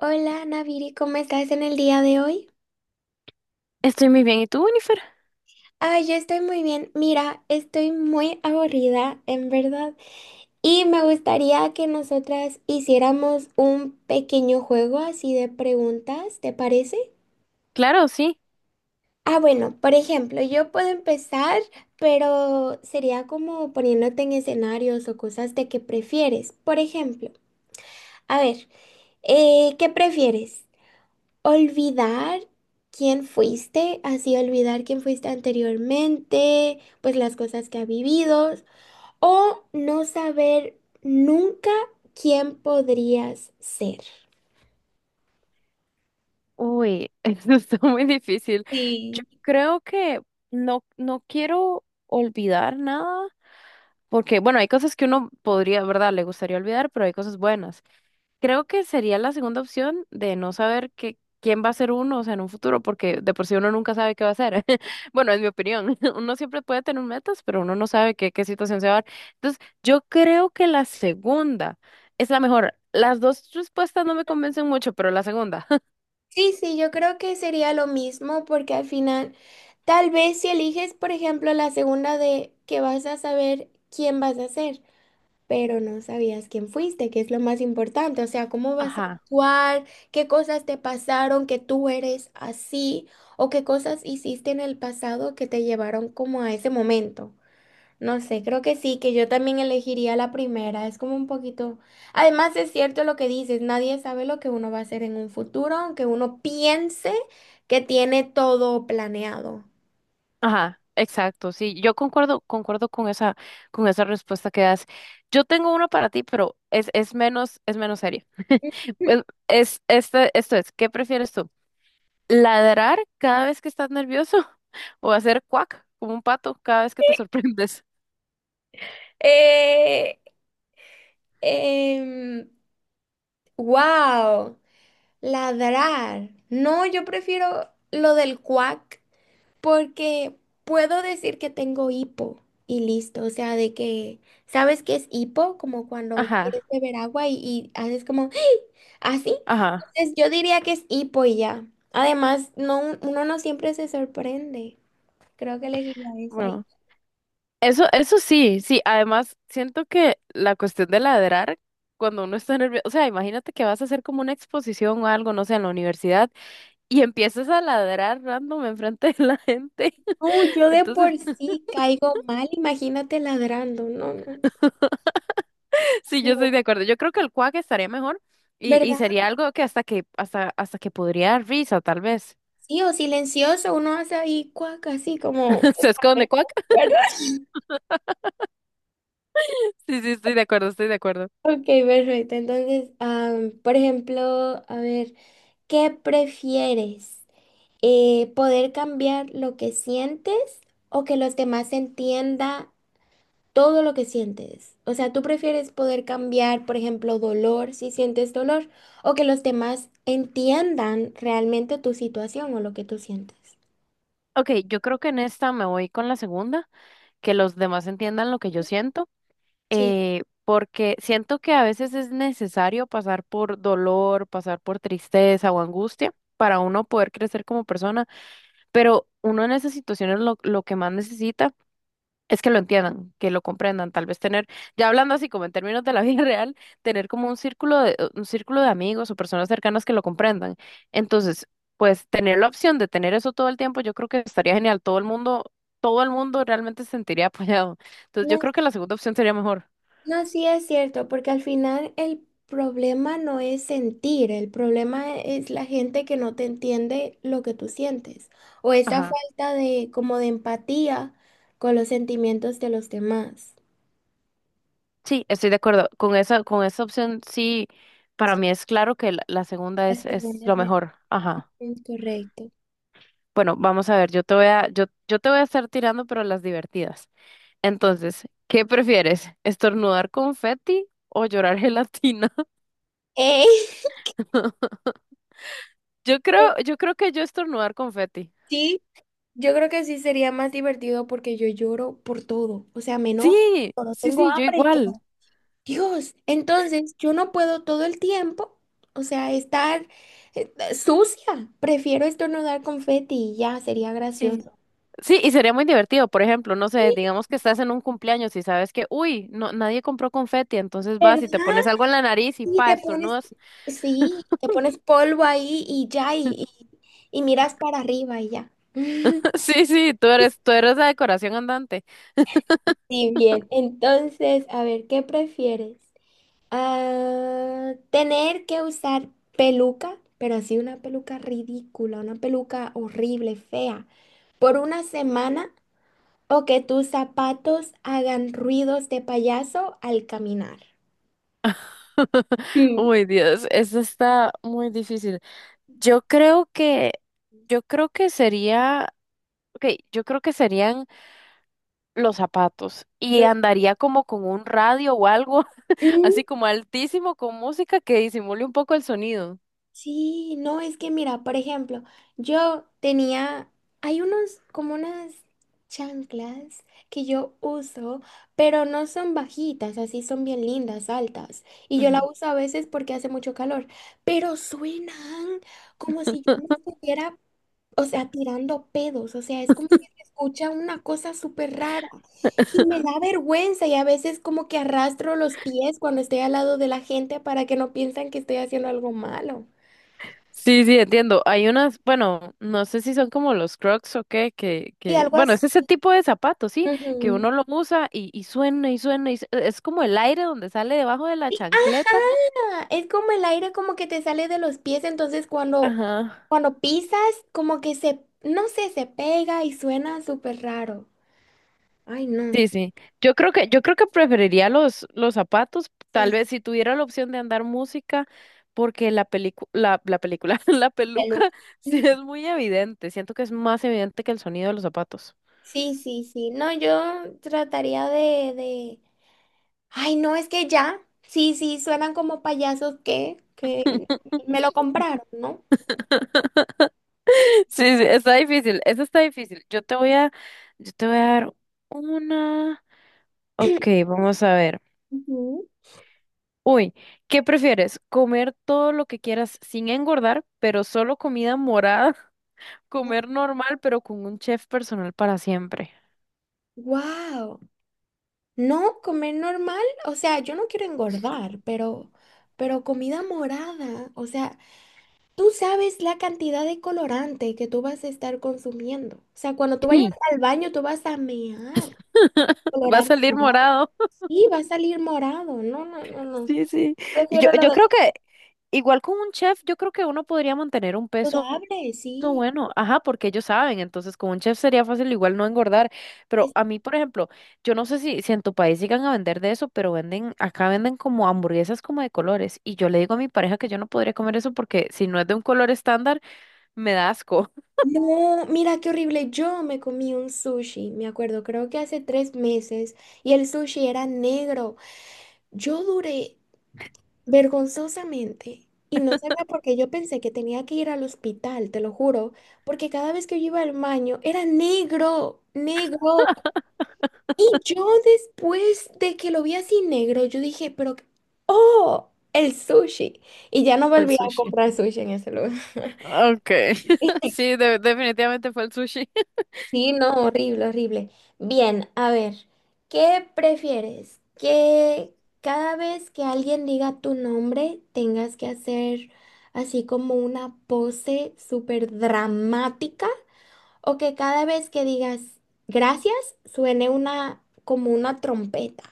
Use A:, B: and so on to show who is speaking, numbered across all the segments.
A: Hola, Naviri, ¿cómo estás en el día de hoy?
B: Estoy muy bien. ¿Y tú, Winifred?
A: Ah, yo estoy muy bien. Mira, estoy muy aburrida, en verdad. Y me gustaría que nosotras hiciéramos un pequeño juego así de preguntas, ¿te parece?
B: Claro, sí.
A: Ah, bueno, por ejemplo, yo puedo empezar, pero sería como poniéndote en escenarios o cosas de que prefieres. Por ejemplo, a ver, ¿qué prefieres? Olvidar quién fuiste, así olvidar quién fuiste anteriormente, pues las cosas que ha vivido, o no saber nunca quién podrías ser.
B: Uy, eso está muy difícil. Yo
A: Sí.
B: creo que no quiero olvidar nada, porque, bueno, hay cosas que uno podría, ¿verdad? Le gustaría olvidar, pero hay cosas buenas. Creo que sería la segunda opción de no saber que, quién va a ser uno, o sea, en un futuro, porque de por sí uno nunca sabe qué va a ser. Bueno, es mi opinión. Uno siempre puede tener metas, pero uno no sabe qué situación se va a dar. Entonces, yo creo que la segunda es la mejor. Las dos respuestas no me convencen mucho, pero la segunda.
A: Sí, sí, yo creo que sería lo mismo porque al final, tal vez si eliges, por ejemplo, la segunda de que vas a saber quién vas a ser, pero no sabías quién fuiste, que es lo más importante, o sea, cómo vas a
B: Ajá,
A: actuar, qué cosas te pasaron, que tú eres así, o qué cosas hiciste en el pasado que te llevaron como a ese momento. No sé, creo que sí, que yo también elegiría la primera, es como un poquito. Además es cierto lo que dices, nadie sabe lo que uno va a hacer en un futuro, aunque uno piense que tiene todo planeado.
B: ajá, exacto. Sí, yo concuerdo con esa respuesta que das. Yo tengo una para ti, pero es menos, es menos seria. Pues, Es, este, esto es, ¿qué prefieres tú? Ladrar cada vez que estás nervioso o hacer cuac como un pato cada vez que te sorprendes.
A: Eh, em, wow. Ladrar. No, yo prefiero lo del cuac porque puedo decir que tengo hipo y listo. O sea, de que, ¿sabes qué es hipo? Como cuando quieres
B: Ajá,
A: beber agua y haces como así.
B: ajá.
A: Entonces yo diría que es hipo y ya. Además, no, uno no siempre se sorprende. Creo que elegiría esa. Y-
B: Bueno, eso sí, sí. Además, siento que la cuestión de ladrar cuando uno está nervioso, o sea, imagínate que vas a hacer como una exposición o algo, no sé, en la universidad y empiezas a ladrar random enfrente de la gente.
A: no yo de
B: Entonces,
A: por sí caigo mal. Imagínate ladrando. No, no.
B: sí, yo estoy de acuerdo. Yo creo que el cuac estaría mejor. Y
A: ¿Verdad?
B: sería algo que hasta que podría dar risa, tal vez.
A: Sí, o silencioso. Uno hace ahí cuac así como.
B: Se esconde. Sí, sí, estoy de acuerdo, estoy de acuerdo.
A: Ok, perfecto. Entonces, por ejemplo, a ver, ¿qué prefieres? ¿Poder cambiar lo que sientes o que los demás entiendan todo lo que sientes? O sea, ¿tú prefieres poder cambiar, por ejemplo, dolor si sientes dolor o que los demás entiendan realmente tu situación o lo que tú sientes?
B: Ok, yo creo que en esta me voy con la segunda, que los demás entiendan lo que yo siento,
A: Sí.
B: porque siento que a veces es necesario pasar por dolor, pasar por tristeza o angustia para uno poder crecer como persona, pero uno en esas situaciones lo que más necesita. Es que lo entiendan, que lo comprendan, tal vez tener, ya hablando así como en términos de la vida real, tener como un círculo de amigos o personas cercanas que lo comprendan. Entonces, pues tener la opción de tener eso todo el tiempo, yo creo que estaría genial. Todo el mundo realmente se sentiría apoyado. Entonces, yo creo que la segunda opción sería mejor.
A: No, sí es cierto, porque al final el problema no es sentir, el problema es la gente que no te entiende lo que tú sientes o esa
B: Ajá.
A: falta de como de empatía con los sentimientos de los demás.
B: Sí, estoy de acuerdo. Con esa opción, sí, para mí es claro que la segunda
A: Las
B: es
A: segundas
B: lo mejor. Ajá.
A: es correcto.
B: Bueno, vamos a ver, yo te voy a estar tirando, pero las divertidas. Entonces, ¿qué prefieres? ¿Estornudar confeti o llorar gelatina?
A: ¡Ey!
B: Yo creo, yo creo que yo estornudar confeti.
A: Sí, yo creo que sí sería más divertido porque yo lloro por todo, o sea, me enojo,
B: Sí,
A: cuando
B: sí,
A: tengo
B: sí, yo
A: hambre,
B: igual.
A: Dios, entonces yo no puedo todo el tiempo, o sea, estar sucia. Prefiero estornudar confeti y ya, sería
B: Sí.
A: gracioso.
B: Sí, y sería muy divertido, por ejemplo, no sé,
A: Sí,
B: digamos que estás en un cumpleaños y sabes que, uy, no, nadie compró confeti, entonces vas y te
A: ¿verdad?
B: pones algo en la nariz y
A: Y
B: pa,
A: te pones,
B: estornudas.
A: sí, te pones polvo ahí y ya, y miras para arriba y ya.
B: Sí, sí, tú eres la decoración andante.
A: Sí, bien. Entonces, a ver, ¿qué prefieres? Ah, tener que usar peluca, pero así una peluca ridícula, una peluca horrible, fea, por una semana o que tus zapatos hagan ruidos de payaso al caminar. Mm.
B: Uy, Dios, eso está muy difícil. Yo creo que, yo creo que sería, ok, yo creo que serían los zapatos y
A: Los-
B: andaría como con un radio o algo
A: mm,
B: así como altísimo con música que disimule un poco el sonido.
A: Sí, no, es que mira, por ejemplo, yo tenía, hay unos como unas chanclas que yo uso, pero no son bajitas, así son bien lindas, altas. Y yo la
B: Ujú.
A: uso a veces porque hace mucho calor, pero suenan como si yo me estuviera, o sea, tirando pedos, o sea, es como que se escucha una cosa súper rara. Y me da vergüenza y a veces como que arrastro los pies cuando estoy al lado de la gente para que no piensen que estoy haciendo algo malo.
B: Sí, sí, entiendo. Hay unas, bueno, no sé si son como los Crocs o qué,
A: Y algo
B: bueno,
A: así.
B: es ese tipo de zapatos, sí, que
A: Ujú.
B: uno lo usa y suena y es como el aire donde sale debajo de la
A: Sí,
B: chancleta.
A: ajá, es como el aire como que te sale de los pies, entonces cuando,
B: Ajá.
A: cuando pisas como que se, no sé, se pega y suena súper raro. Ay, no.
B: Sí, sí. Yo creo que preferiría los zapatos, tal
A: Sí,
B: vez si tuviera la opción de andar música, porque la película, la peluca
A: peluca.
B: sí es muy evidente. Siento que es más evidente que el sonido de los zapatos.
A: Sí, sí, sí. No, yo trataría de. Ay, no, es que ya. Sí, sí, suenan como payasos que me lo compraron, ¿no?
B: Sí, sí, está difícil, eso está difícil. Yo te voy a dar una. Ok, vamos a ver. Uy, ¿qué prefieres? ¿Comer todo lo que quieras sin engordar, pero solo comida morada? ¿Comer normal, pero con un chef personal para siempre?
A: Wow. No, comer normal, o sea, yo no quiero engordar, pero comida morada, o sea, tú sabes la cantidad de colorante que tú vas a estar consumiendo. O sea, cuando tú vayas
B: Sí,
A: al baño, tú vas a mear
B: va a
A: colorante
B: salir
A: morado.
B: morado.
A: Sí, va a salir morado. No, no, no, no.
B: Sí, sí.
A: Prefiero lo
B: Yo
A: del
B: creo que, igual con un chef, yo creo que uno podría mantener un peso
A: saludable, sí.
B: bueno, ajá, porque ellos saben, entonces con un chef sería fácil igual no engordar, pero
A: Es-
B: a mí, por ejemplo, yo no sé si en tu país llegan a vender de eso, pero venden, acá venden como hamburguesas como de colores, y yo le digo a mi pareja que yo no podría comer eso porque si no es de un color estándar, me da asco.
A: No, mira qué horrible. Yo me comí un sushi, me acuerdo, creo que hace 3 meses, y el sushi era negro. Yo duré vergonzosamente. Y no sabía por qué yo pensé que tenía que ir al hospital, te lo juro, porque cada vez que yo iba al baño era negro, negro. Y yo después de que lo vi así negro, yo dije, pero. Oh, el sushi. Y ya no
B: Fue el
A: volví a
B: sushi.
A: comprar sushi en ese lugar.
B: Okay. Sí, definitivamente fue el sushi.
A: Sí, no, horrible, horrible. Bien, a ver, ¿qué prefieres? ¿Que cada vez que alguien diga tu nombre tengas que hacer así como una pose súper dramática? ¿O que cada vez que digas gracias suene una como una trompeta?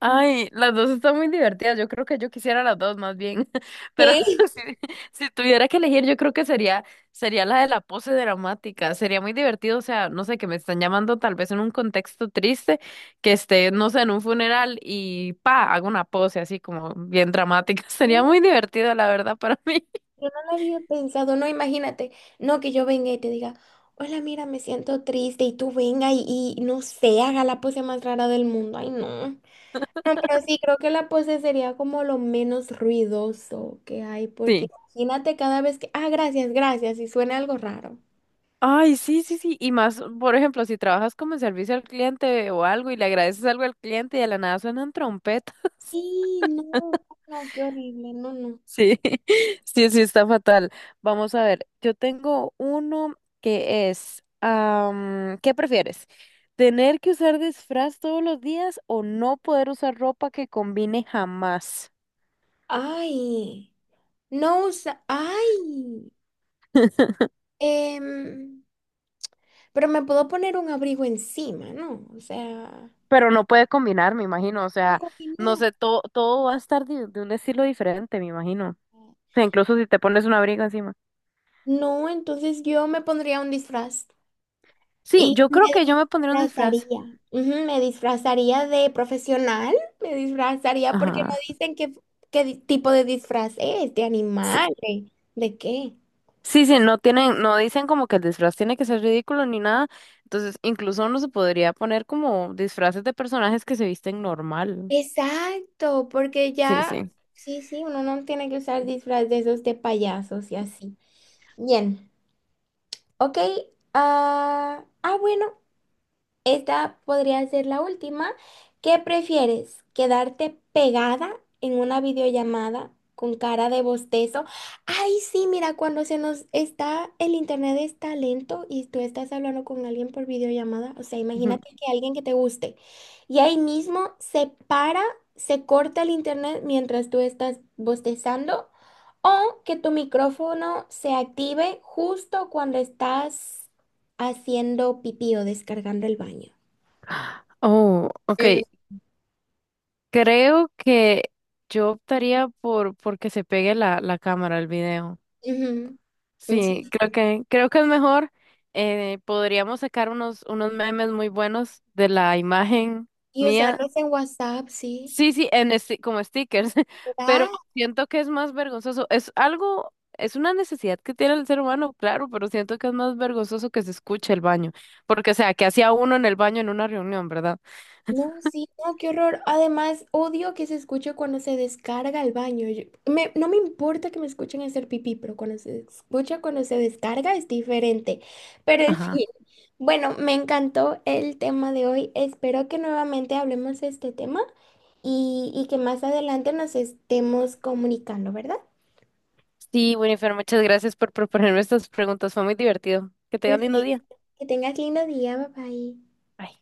B: Ay, las dos están muy divertidas. Yo creo que yo quisiera las dos más bien. Pero
A: ¿Qué?
B: si, si tuviera que elegir, yo creo que sería, sería la de la pose dramática. Sería muy divertido, o sea, no sé, que me están llamando tal vez en un contexto triste, que esté, no sé, en un funeral y pa, hago una pose así como bien dramática. Sería
A: Yo
B: muy divertido, la verdad, para mí.
A: no lo había pensado, no, imagínate, no que yo venga y te diga, hola, mira, me siento triste y tú venga y no sé, haga la pose más rara del mundo, ay, no. No, pero sí, creo que la pose sería como lo menos ruidoso que hay, porque
B: Sí.
A: imagínate cada vez que, ah, gracias, gracias, y suena algo raro.
B: Ay, sí, sí, sí. Y más, por ejemplo, si trabajas como en servicio al cliente o algo y le agradeces algo al cliente y de la nada suenan trompetas.
A: Y no, no, qué horrible, no, no.
B: Sí, sí, sí, está fatal. Vamos a ver, yo tengo uno que es, am, ¿qué prefieres? ¿Tener que usar disfraz todos los días o no poder usar ropa que combine jamás?
A: Ay, no usa, ay, em, pero me puedo poner un abrigo encima, ¿no? O sea,
B: Pero no puede combinar, me imagino, o
A: no
B: sea, no
A: combinar.
B: sé, todo va a estar de un estilo diferente, me imagino. O sea, incluso si te pones un abrigo encima.
A: No, entonces yo me pondría un disfraz.
B: Sí,
A: Y
B: yo
A: me
B: creo que yo me pondría un disfraz.
A: disfrazaría, ujú, me disfrazaría de profesional, me disfrazaría porque no
B: Ajá.
A: dicen qué tipo de disfraz es, de animal, de qué.
B: Sí, sí, no tienen, no dicen como que el disfraz tiene que ser ridículo ni nada. Entonces, incluso uno se podría poner como disfraces de personajes que se visten normal.
A: Exacto, porque
B: Sí,
A: ya,
B: sí.
A: sí, sí, uno no tiene que usar disfraz de esos de payasos y así. Bien, ok. Ah, ah, bueno. Esta podría ser la última. ¿Qué prefieres? ¿Quedarte pegada en una videollamada con cara de bostezo? Ay, sí, mira, cuando se nos está, el internet está lento y tú estás hablando con alguien por videollamada. O sea,
B: Ujú.
A: imagínate que alguien que te guste y ahí mismo se para, se corta el internet mientras tú estás bostezando. O que tu micrófono se active justo cuando estás haciendo pipí o descargando el baño.
B: Oh, ok.
A: Mm,
B: Creo que yo optaría por que se pegue la cámara al video.
A: ujú,
B: Sí,
A: sí.
B: creo que es mejor. Podríamos sacar unos memes muy buenos de la imagen
A: Y
B: mía.
A: usarlos en WhatsApp, sí.
B: Sí, sí, en como stickers, pero
A: Ah,
B: siento que es más vergonzoso. Es algo, es una necesidad que tiene el ser humano, claro, pero siento que es más vergonzoso que se escuche el baño, porque o sea, que hacía uno en el baño en una reunión, ¿verdad?
A: no, sí, no, qué horror. Además, odio que se escuche cuando se descarga el baño. No me importa que me escuchen hacer pipí, pero cuando se escucha, cuando se descarga es diferente. Pero en
B: Ajá.
A: fin, bueno, me encantó el tema de hoy. Espero que nuevamente hablemos de este tema y que más adelante nos estemos comunicando, ¿verdad?
B: Sí, Winifred, muchas gracias por proponerme estas preguntas, fue muy divertido. Que tengan lindo día.
A: Perfecto. Que tengas lindo día, bye bye.
B: Bye.